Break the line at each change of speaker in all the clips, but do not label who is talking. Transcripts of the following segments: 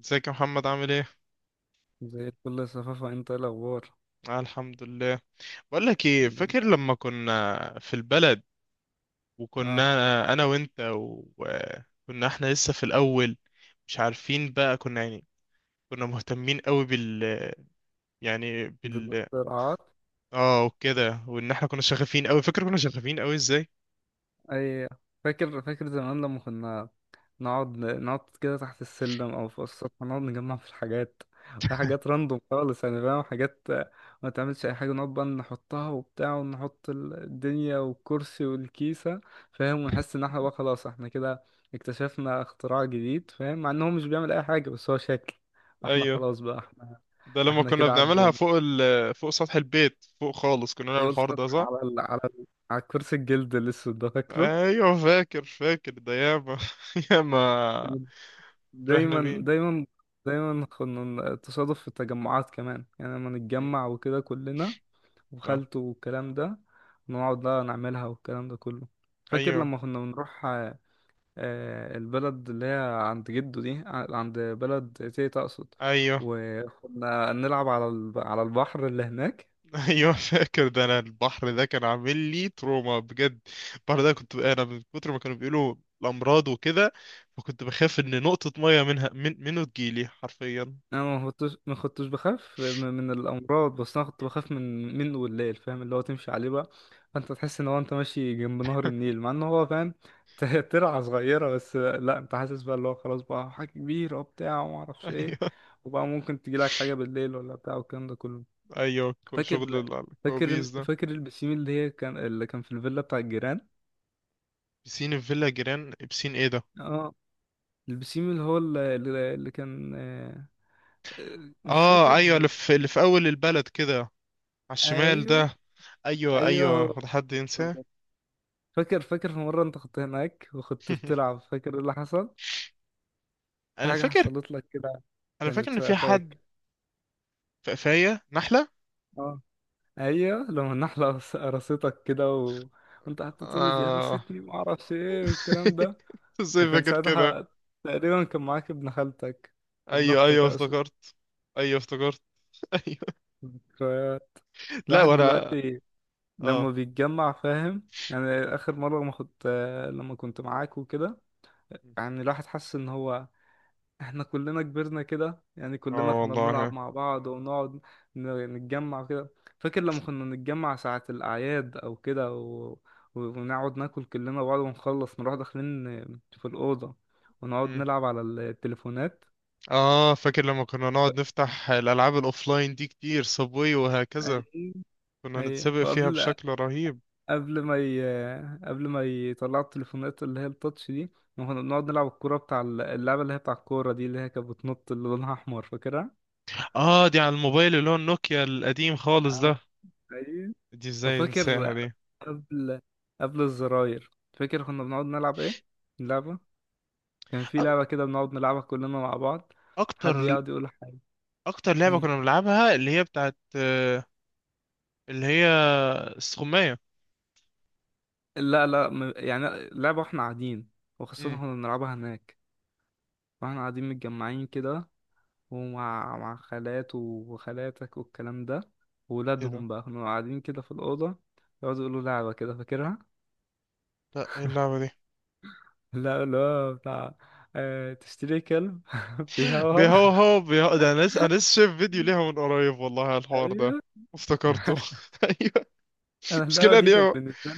ازيك يا محمد؟ عامل ايه؟
زي الفل يا صفافة، انت ايه الاخبار؟
آه، الحمد لله. بقول لك ايه،
الحمد
فاكر
لله.
لما كنا في البلد
اه.
وكنا انا وانت، وكنا احنا لسه في الاول، مش عارفين بقى، كنا يعني كنا مهتمين قوي بال... يعني بال...
بالاختراعات.
اه وكده، وان احنا كنا شغافين قوي. فاكر كنا شغافين قوي ازاي؟
اي. فاكر فاكر زمان لما كنا نقعد كده تحت السلم او في السطح، نقعد نجمع في الحاجات، في حاجات راندوم خالص، يعني فاهم حاجات ما تعملش اي حاجه، نقعد بقى نحطها وبتاع، ونحط الدنيا والكرسي والكيسه، فاهم، ونحس ان احنا بقى خلاص، احنا كده اكتشفنا اختراع جديد، فاهم، مع ان هو مش بيعمل اي حاجه بس هو شكل. احنا
ايوه
خلاص بقى احنا،
ده لما
احنا
كنا
كده
بنعملها
عدينا.
فوق ال... فوق سطح البيت فوق خالص كنا نعمل الحوار
قلت
ده صح؟
على ال... على ال... على كرسي الجلد الأسود ده، فاكره؟
ايوه، فاكر فاكر ده ياما. ياما فرحنا
دايما
بيه.
دايما، دايما كنا تصادف في التجمعات كمان، يعني لما
مم.
نتجمع وكده كلنا،
اه،
وخالته والكلام ده، نقعد بقى نعملها والكلام ده كله. فاكر
ايوه،
لما كنا بنروح البلد اللي هي عند جده دي، عند بلد تيتا أقصد.
ايوه.
وكنا نلعب على على البحر اللي هناك.
ايوه فاكر ده، انا البحر ده كان عامل لي تروما بجد. البحر ده، كنت انا من كتر ما كانوا بيقولوا الامراض وكده، فكنت بخاف ان نقطة مية منه تجيلي حرفيا.
انا ما كنتش ما كنتش بخاف من الامراض، بس انا كنت بخاف منه والليل، فاهم، اللي هو تمشي عليه بقى. فانت تحس ان هو انت ماشي جنب نهر النيل مع ان هو، فاهم، ترعه صغيره، بس لا، انت حاسس بقى اللي هو خلاص بقى حاجه كبيره وبتاع وما اعرفش ايه،
ايوه،
وبقى ممكن تجي لك حاجه بالليل ولا بتاع والكلام ده كله.
ايوه،
فاكر
شغل
فاكر
الكوابيس ده.
فاكر البسيم اللي هي كان، اللي كان في الفيلا بتاع الجيران.
بسين الفيلا جيران، بسين ايه ده؟
اه. البسيم اللي هو اللي كان مش
اه،
فاكر.
ايوه، اللي في اول البلد كده، على الشمال
ايوه
ده. ايوه،
ايوه
ايوه،
هو.
هو ده حد ينساه؟
فاكر فاكر في مرة انت كنت هناك وكنت بتلعب، فاكر ايه اللي حصل؟ في
انا
حاجة
فاكر
حصلت لك كده،
انا فاكر
كانت
ان في حد
واقفاك.
في قفاية نحلة.
اه. ايوه لما النحلة قرصتك كده، و... وانت قعدت تقول لي دي
آه.
قرصتني ومعرفش ايه والكلام ده.
ازاي
وكان
فاكر كده؟
ساعتها تقريبا كان معاك ابن خالتك، ابن
ايوه،
اختك
ايوه،
اقصد.
افتكرت. ايوه، افتكرت. ايوه.
ذكريات.
لا
الواحد
وانا.
دلوقتي
اه،
لما بيتجمع، فاهم، يعني اخر مرة ما كنت، لما كنت معاك وكده، يعني الواحد حس ان هو احنا كلنا كبرنا كده، يعني كلنا
اه،
كنا بنلعب
والله.
مع بعض ونقعد نتجمع كده. فاكر لما كنا نتجمع ساعة الأعياد أو كده، و... و- ونقعد ناكل كلنا بعض ونخلص نروح داخلين في الأوضة ونقعد
مم.
نلعب على التليفونات.
اه، فاكر لما كنا نقعد نفتح الالعاب الاوفلاين دي كتير، صابوي وهكذا.
أي
كنا
أي.
نتسابق فيها
وقبل
بشكل رهيب.
قبل ما ي... قبل ما يطلعوا التليفونات اللي هي التاتش دي، كنا بنقعد نلعب الكورة بتاع اللعبة اللي هي بتاع الكورة دي اللي هي كانت بتنط اللي لونها أحمر، فاكرها؟
اه، دي على الموبايل اللي هو النوكيا القديم خالص ده.
اه. أيوة.
دي ازاي ننساها
وفاكر
دي؟
قبل، قبل الزراير، فاكر كنا بنقعد نلعب ايه؟ اللعبة، كان في
أك-
لعبة كده بنقعد نلعبها كلنا مع بعض، حد
اكتر
يقعد يقول حاجة.
اكتر لعبة
مم.
كنا بنلعبها اللي هي بتاعت اللي هي السخمية.
لا لا يعني لعبة واحنا قاعدين، وخاصة
مم.
كنا بنلعبها هناك، واحنا قاعدين متجمعين كده، ومع خالات وخالاتك والكلام ده
ايه ده؟
وولادهم بقى، كنا قاعدين كده في الأوضة يقعدوا يقولوا لعبة كده، فاكرها؟
لا، ايه اللعبة دي؟
لا لا، بتاع تشتري كلب بيهوهو.
بيهوهو، بيهو ده انا لسه شايف فيديو ليها من قريب والله، على الحوار ده
ايوه.
افتكرته. ايوه.
انا اللعبه
مشكلة ان
دي
هي.
كانت بالنسبه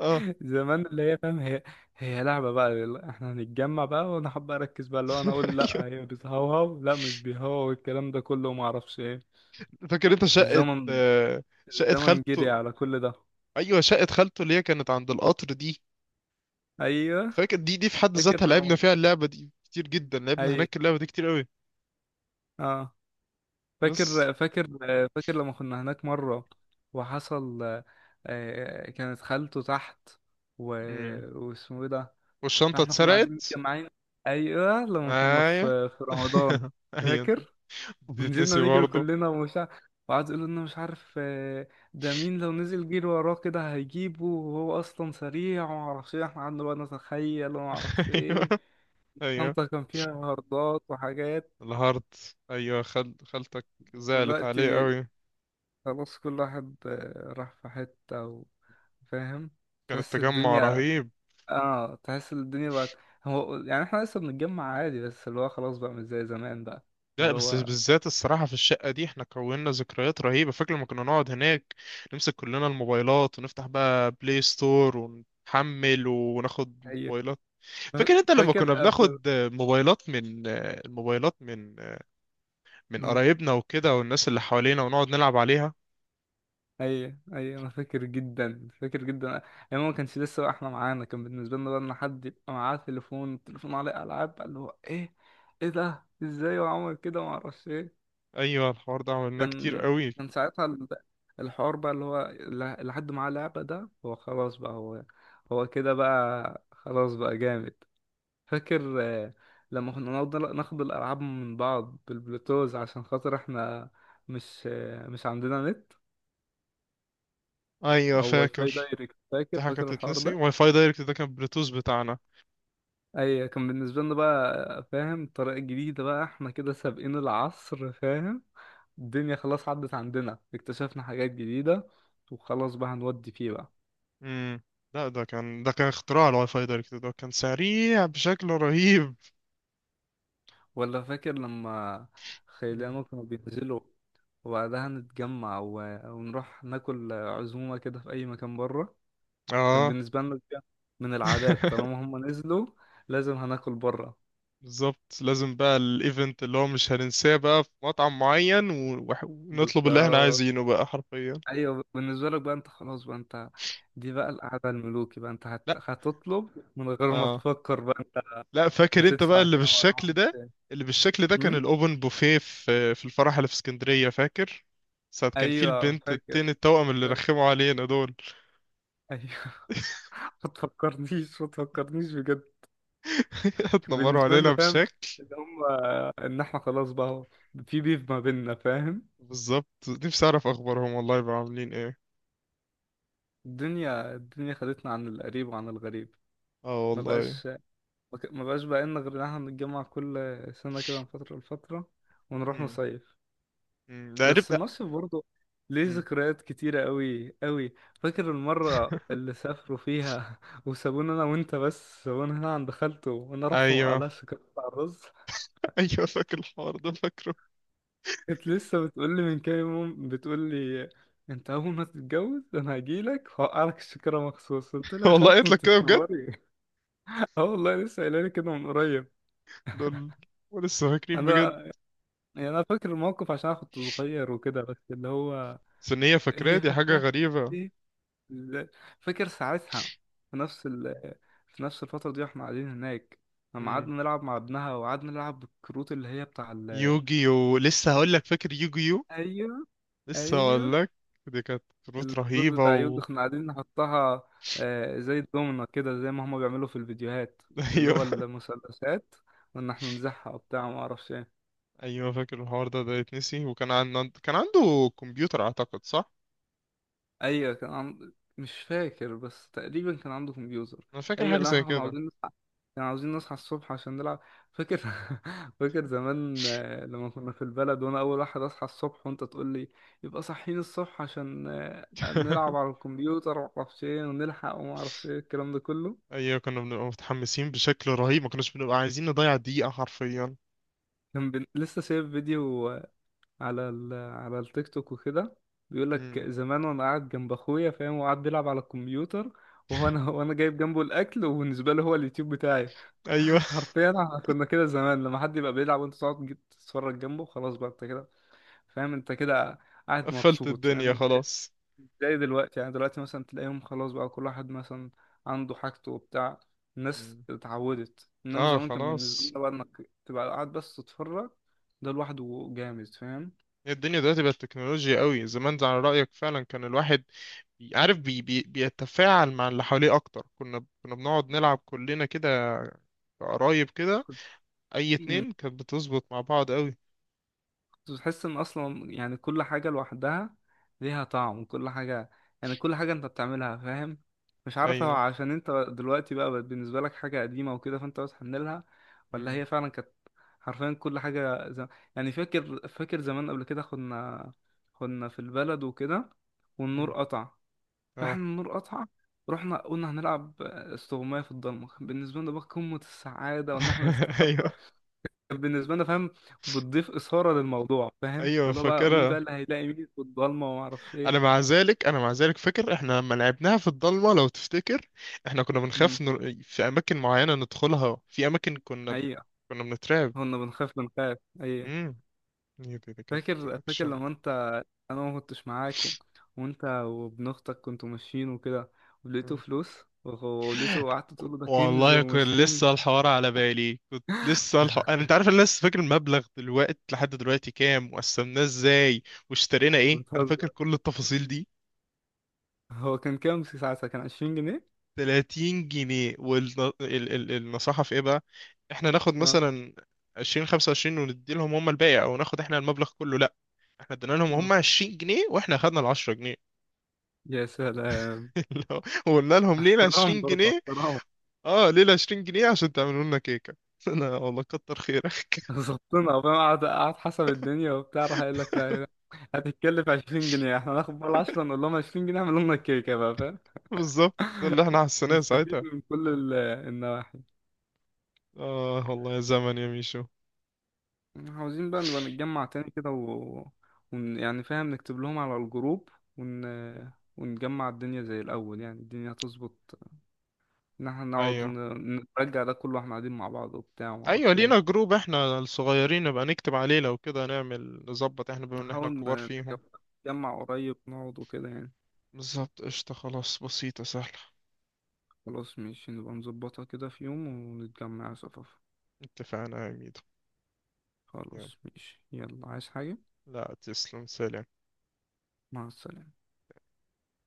اه.
زمان، اللي هي فاهم، هي هي لعبة بقى، يلا احنا هنتجمع بقى وانا حابة اركز بقى، اللي هو انا اقول
ايوه،
لا هي بتهوهو لا مش بيهوهو والكلام ده كله وما اعرفش ايه.
فاكر انت شقة،
الزمن
شقة
الزمن جري
خالته.
على كل ده.
ايوه، شقة خالته اللي هي كانت عند القطر دي.
ايوه
فاكر دي في حد
فاكر
ذاتها، لعبنا
لما
فيها اللعبة دي كتير جدا، لعبنا
اي
هناك اللعبة دي كتير قوي.
اه.
بس.
فاكر فاكر، فاكر لما كنا هناك مرة وحصل، كانت خالته تحت، و...
مم.
واسمه ايه ده؟
والشنطة
احنا كنا قاعدين
اتسرقت.
متجمعين، ايوه لما كنا
ايوه.
في رمضان.
ايوه، انت
فاكر ونزلنا
بتتنسي
نجري
برضه.
كلنا ومش عارف، وقعد يقول لنا مش عارف ده مين لو نزل جري وراه كده هيجيبه وهو اصلا سريع ومعرفش ايه، احنا قعدنا بقى نتخيل ومعرفش
ايوه،
ايه.
ايوه،
الشنطة كان فيها هاردات وحاجات.
الهارت، ايوه خالتك زعلت عليه
دلوقتي
قوي.
خلاص كل واحد راح في حتة، و- فاهم،
كان
تحس
التجمع
الدنيا.
رهيب.
اه تحس الدنيا بقت، هو يعني احنا لسه بنتجمع عادي بس اللي هو خلاص بقى مش زي زمان بقى.
لا،
اللي
بس
هو
بالذات الصراحة في الشقة دي، احنا كوننا ذكريات رهيبة. فاكر لما كنا نقعد هناك، نمسك كلنا الموبايلات ونفتح بقى بلاي ستور، ونحمل وناخد
هي
موبايلات. فاكر انت لما
فاكر
كنا
قبل.
بناخد موبايلات، من الموبايلات، من
مم.
قرايبنا وكده، والناس اللي حوالينا، ونقعد نلعب عليها.
اي اي. انا فاكر جدا فاكر جدا، يعني ما كانش لسه بقى، احنا معانا كان بالنسبه لنا بقى ان حد يبقى معاه تليفون، التليفون عليه العاب بقى، اللي هو ايه، ايه ده ازاي وعمل كده وما اعرفش ايه.
ايوه، الحوار ده عملناه كتير
كان
قوي.
كان ساعتها الحوار بقى اللي هو اللي حد معاه لعبه ده هو خلاص بقى هو، هو كده بقى خلاص بقى جامد. فاكر لما كنا نقعد ناخد الالعاب من بعض بالبلوتوز عشان خاطر احنا مش مش عندنا نت
ايوه
او واي فاي
فاكر.
دايركت. فاكر
دي حاجة
فاكر الحوار
تتنسي،
ده.
واي فاي دايركت ده كان بلوتوث بتاعنا.
اي كان بالنسبه لنا بقى، فاهم، الطريقه الجديده بقى احنا كده سابقين العصر، فاهم، الدنيا خلاص عدت عندنا، اكتشفنا حاجات جديده وخلاص بقى هنودي فيه بقى.
امم. لا، ده كان اختراع، الواي فاي دايركت ده كان سريع بشكل رهيب.
ولا فاكر لما
مم.
خيلانه كانوا بينزلوا، وبعدها نتجمع و... ونروح ناكل عزومه كده في اي مكان بره. كان
اه.
بالنسبه لنا دي من العادات، طالما هم نزلوا لازم هناكل بره.
بالظبط، لازم بقى الايفنت اللي هو مش هننساه بقى، في مطعم معين ونطلب اللي احنا
بالظبط.
عايزينه بقى حرفيا.
ايوه بالنسبه لك بقى انت خلاص بقى، انت دي بقى القعده الملوكي بقى، انت
لا.
هتطلب من غير ما
اه.
تفكر بقى، انت
لا، فاكر انت بقى
هتدفع
اللي
كام ولا
بالشكل
هتدفع
ده،
كام.
اللي بالشكل ده كان
أم؟
الاوبن بوفيه في الفرح اللي في اسكندرية، فاكر ساعة كان في
ايوه
البنت
فاكر،
التاني التوأم اللي
فاكر.
رخموا علينا دول.
ايوه. ما تفكرنيش ما تفكرنيش بجد. كان
اتنمروا
بالنسبه
علينا
لنا، فاهم،
بشكل.
ان هم، ان احنا خلاص بقى هو في بيف ما بيننا، فاهم.
بالظبط، نفسي اعرف اخبارهم والله، يبقوا عاملين ايه.
الدنيا الدنيا خدتنا عن القريب وعن الغريب.
اه
ما
والله.
بقاش، ما بقاش بقى لنا غير ان احنا نتجمع كل سنه كده من فتره لفتره ونروح
امم
نصيف،
ده قريب.
بس
لا.
النصب برضه ليه
امم.
ذكريات كتيرة قوي قوي. فاكر المرة اللي سافروا فيها وسابونا أنا وأنت بس، سابونا هنا عند خالته، وأنا رحت
ايوه.
مقلعش كنت على الرز.
ايوه، فاكر الحوار ده، فاكره.
كانت لسه بتقولي من كام يوم، بتقولي أنت أول ما تتجوز أنا هجيلك وهوقعلك الشكرا مخصوص، قلت لها يا
والله
خالته
قلت لك
أنت
كده بجد.
تنوري. أه والله، لسه قايلة لي كده من قريب.
لول. ولسه فاكرين
أنا
بجد.
يعني أنا فاكر الموقف عشان أنا كنت صغير وكده، بس اللي هو
بس ان هي فاكراه،
هي
دي حاجه
فاكرة
غريبه.
إيه؟ ال- فاكر ساعتها في نفس ال... في نفس الفترة دي واحنا قاعدين هناك، لما
امم
قعدنا نلعب مع ابنها، وقعدنا نلعب بالكروت اللي هي بتاع
يوجيو، لسه هقول لك. فاكر يوجيو؟
ايوه
لسه
ايوه
هقول لك. دي كانت كروت
الكروت
رهيبه
بتاع يوجي،
و...
احنا قاعدين نحطها زي الدومنة كده زي ما هما بيعملوا في الفيديوهات، اللي
ايوه.
هو المثلثات، وان احنا نزحها وبتاع ما اعرفش إيه.
ايوه، فاكر الحوار ده، ده يتنسي. وكان عنده، كان عنده كمبيوتر اعتقد، صح؟
ايوه كان مش فاكر بس تقريبا كان عنده كمبيوتر.
انا فاكر
ايوه
حاجه
لا
زي
احنا كنا
كده.
عاوزين نصحى، كان عاوزين نصحى الصبح عشان نلعب. فاكر. فاكر زمان لما كنا في البلد، وانا اول واحد اصحى الصبح وانت تقول لي يبقى صاحيين الصبح عشان نلعب على الكمبيوتر ومعرفش ايه ونلحق ومعرفش ايه الكلام ده كله.
ايوه، كنا بنبقى متحمسين بشكل رهيب، ما كناش بنبقى عايزين نضيع دقيقة حرفيا.
كان لسه شايف فيديو على التيك توك وكده، بيقول لك
امم.
زمان وانا قاعد جنب اخويا، فاهم، وقعد بيلعب على الكمبيوتر وهو انا، وانا جايب جنبه الاكل وبالنسبه له هو اليوتيوب بتاعي.
ايوه.
حرفيا احنا كنا كده زمان، لما حد يبقى بيلعب وانت تقعد تجي تتفرج جنبه، خلاص بقى انت كده، فاهم، انت كده قاعد
قفلت
مبسوط،
الدنيا
فاهم انت.
خلاص.
زي دلوقتي، يعني دلوقتي مثلا تلاقيهم خلاص بقى كل واحد مثلا عنده حاجته وبتاع، الناس
امم.
اتعودت، انما
اه،
زمان كان بالنسبه
خلاص.
لنا بقى انك تبقى قاعد بس تتفرج ده لوحده جامد، فاهم.
هي الدنيا دلوقتي بقت تكنولوجيا قوي. زمان، ده على رأيك فعلا، كان الواحد عارف، بي بي بيتفاعل مع اللي حواليه اكتر. كنا بنقعد نلعب كلنا كده، قرايب كده، اي
مم.
اتنين كانت بتظبط مع بعض قوي.
كنت بتحس ان اصلا يعني كل حاجه لوحدها ليها طعم، وكل حاجه يعني كل حاجه انت بتعملها، فاهم، مش عارف هو
ايوه.
عشان انت دلوقتي بقى بقت بالنسبه لك حاجه قديمه وكده، فانت بتحن لها، ولا
امم.
هي فعلا كانت حرفيا كل حاجه يعني فاكر فاكر زمان قبل كده، كنا كنا في البلد وكده والنور
امم.
قطع.
اه.
فاحنا النور قطع، رحنا قلنا هنلعب استغماية في الضلمة، بالنسبة لنا بقى قمة السعادة وإن احنا نستخبى،
ايوه،
بالنسبة لنا، فاهم، بتضيف إثارة للموضوع، فاهم،
ايوه،
اللي هو بقى مين بقى
فاكرها.
اللي هيلاقي مين في الضلمة وما أعرفش
انا
إيه.
مع ذلك انا مع ذلك فاكر، احنا لما لعبناها في الضلمه، لو تفتكر، احنا كنا بنخاف
امم.
في اماكن معينه ندخلها، في اماكن كنا
أيوة.
كنا بنترعب.
كنا بنخاف بنخاف، أيوة.
امم. هي دي كانت
فاكر فاكر
اكشن.
لما أنت، أنا ما كنتش معاك، و... وأنت وابن أختك كنتوا ماشيين وكده ولقيتوا
مم.
فلوس ولقيته، وقعدت تقول له ده كنز
والله، كنت
ومش
لسه
كنز.
الحوار على بالي، كنت لسه الحوار، انا انت عارف انا لسه فاكر المبلغ دلوقتي لحد دلوقتي كام، وقسمناه ازاي، واشترينا ايه. انا
بتهزر.
فاكر كل التفاصيل دي.
هو كان كام ساعتها، كان 20 جنيه؟
30 جنيه، والنصيحة في ايه بقى؟ احنا ناخد
اه.
مثلا 20، 25، وندي لهم هم الباقي، او ناخد احنا المبلغ كله؟ لا، احنا ادينا لهم هم
اه.
20 جنيه، واحنا خدنا ال 10 جنيه.
يا سلام.
اللي هو، وقلنا لهم ليه ال
احترام
20
برضه
جنيه
احترام.
اه، ليه ال 20 جنيه؟ عشان تعملوا لنا كيكة. انا والله كتر خيرك.
ظبطنا، فاهم. قعد قعد حسب الدنيا وبتاع، راح قايل لك لا لا، هتتكلف 20 جنيه، احنا هناخد بقى 10، نقول لهم 20 جنيه اعملوا لنا الكيكه بقى، فاهم.
بالظبط، ده اللي احنا حسيناه
نستفيد
ساعتها.
من كل النواحي.
اه والله، يا زمن يا ميشو.
عاوزين بقى نبقى نتجمع تاني كده، و... يعني فاهم نكتب لهم على الجروب ون... ونجمع الدنيا زي الأول، يعني الدنيا هتظبط إن احنا نقعد
ايوه.
نرجع ده كله واحنا قاعدين مع بعض وبتاع
ايوه،
ومعرفش ايه.
لينا جروب احنا الصغيرين، نبقى نكتب عليه لو كده، نعمل نظبط احنا بما ان احنا
نحاول
الكبار فيهم.
نجمع، نتجمع قريب نقعد وكده يعني.
بالظبط، قشطة، خلاص، بسيطة سهلة.
خلاص ماشي نبقى نظبطها كده في يوم ونتجمع يا صفافة.
اتفقنا يا ميدو. يلا.
خلاص ماشي، يلا عايز حاجة؟
لا، تسلم، سلام.
مع السلامة.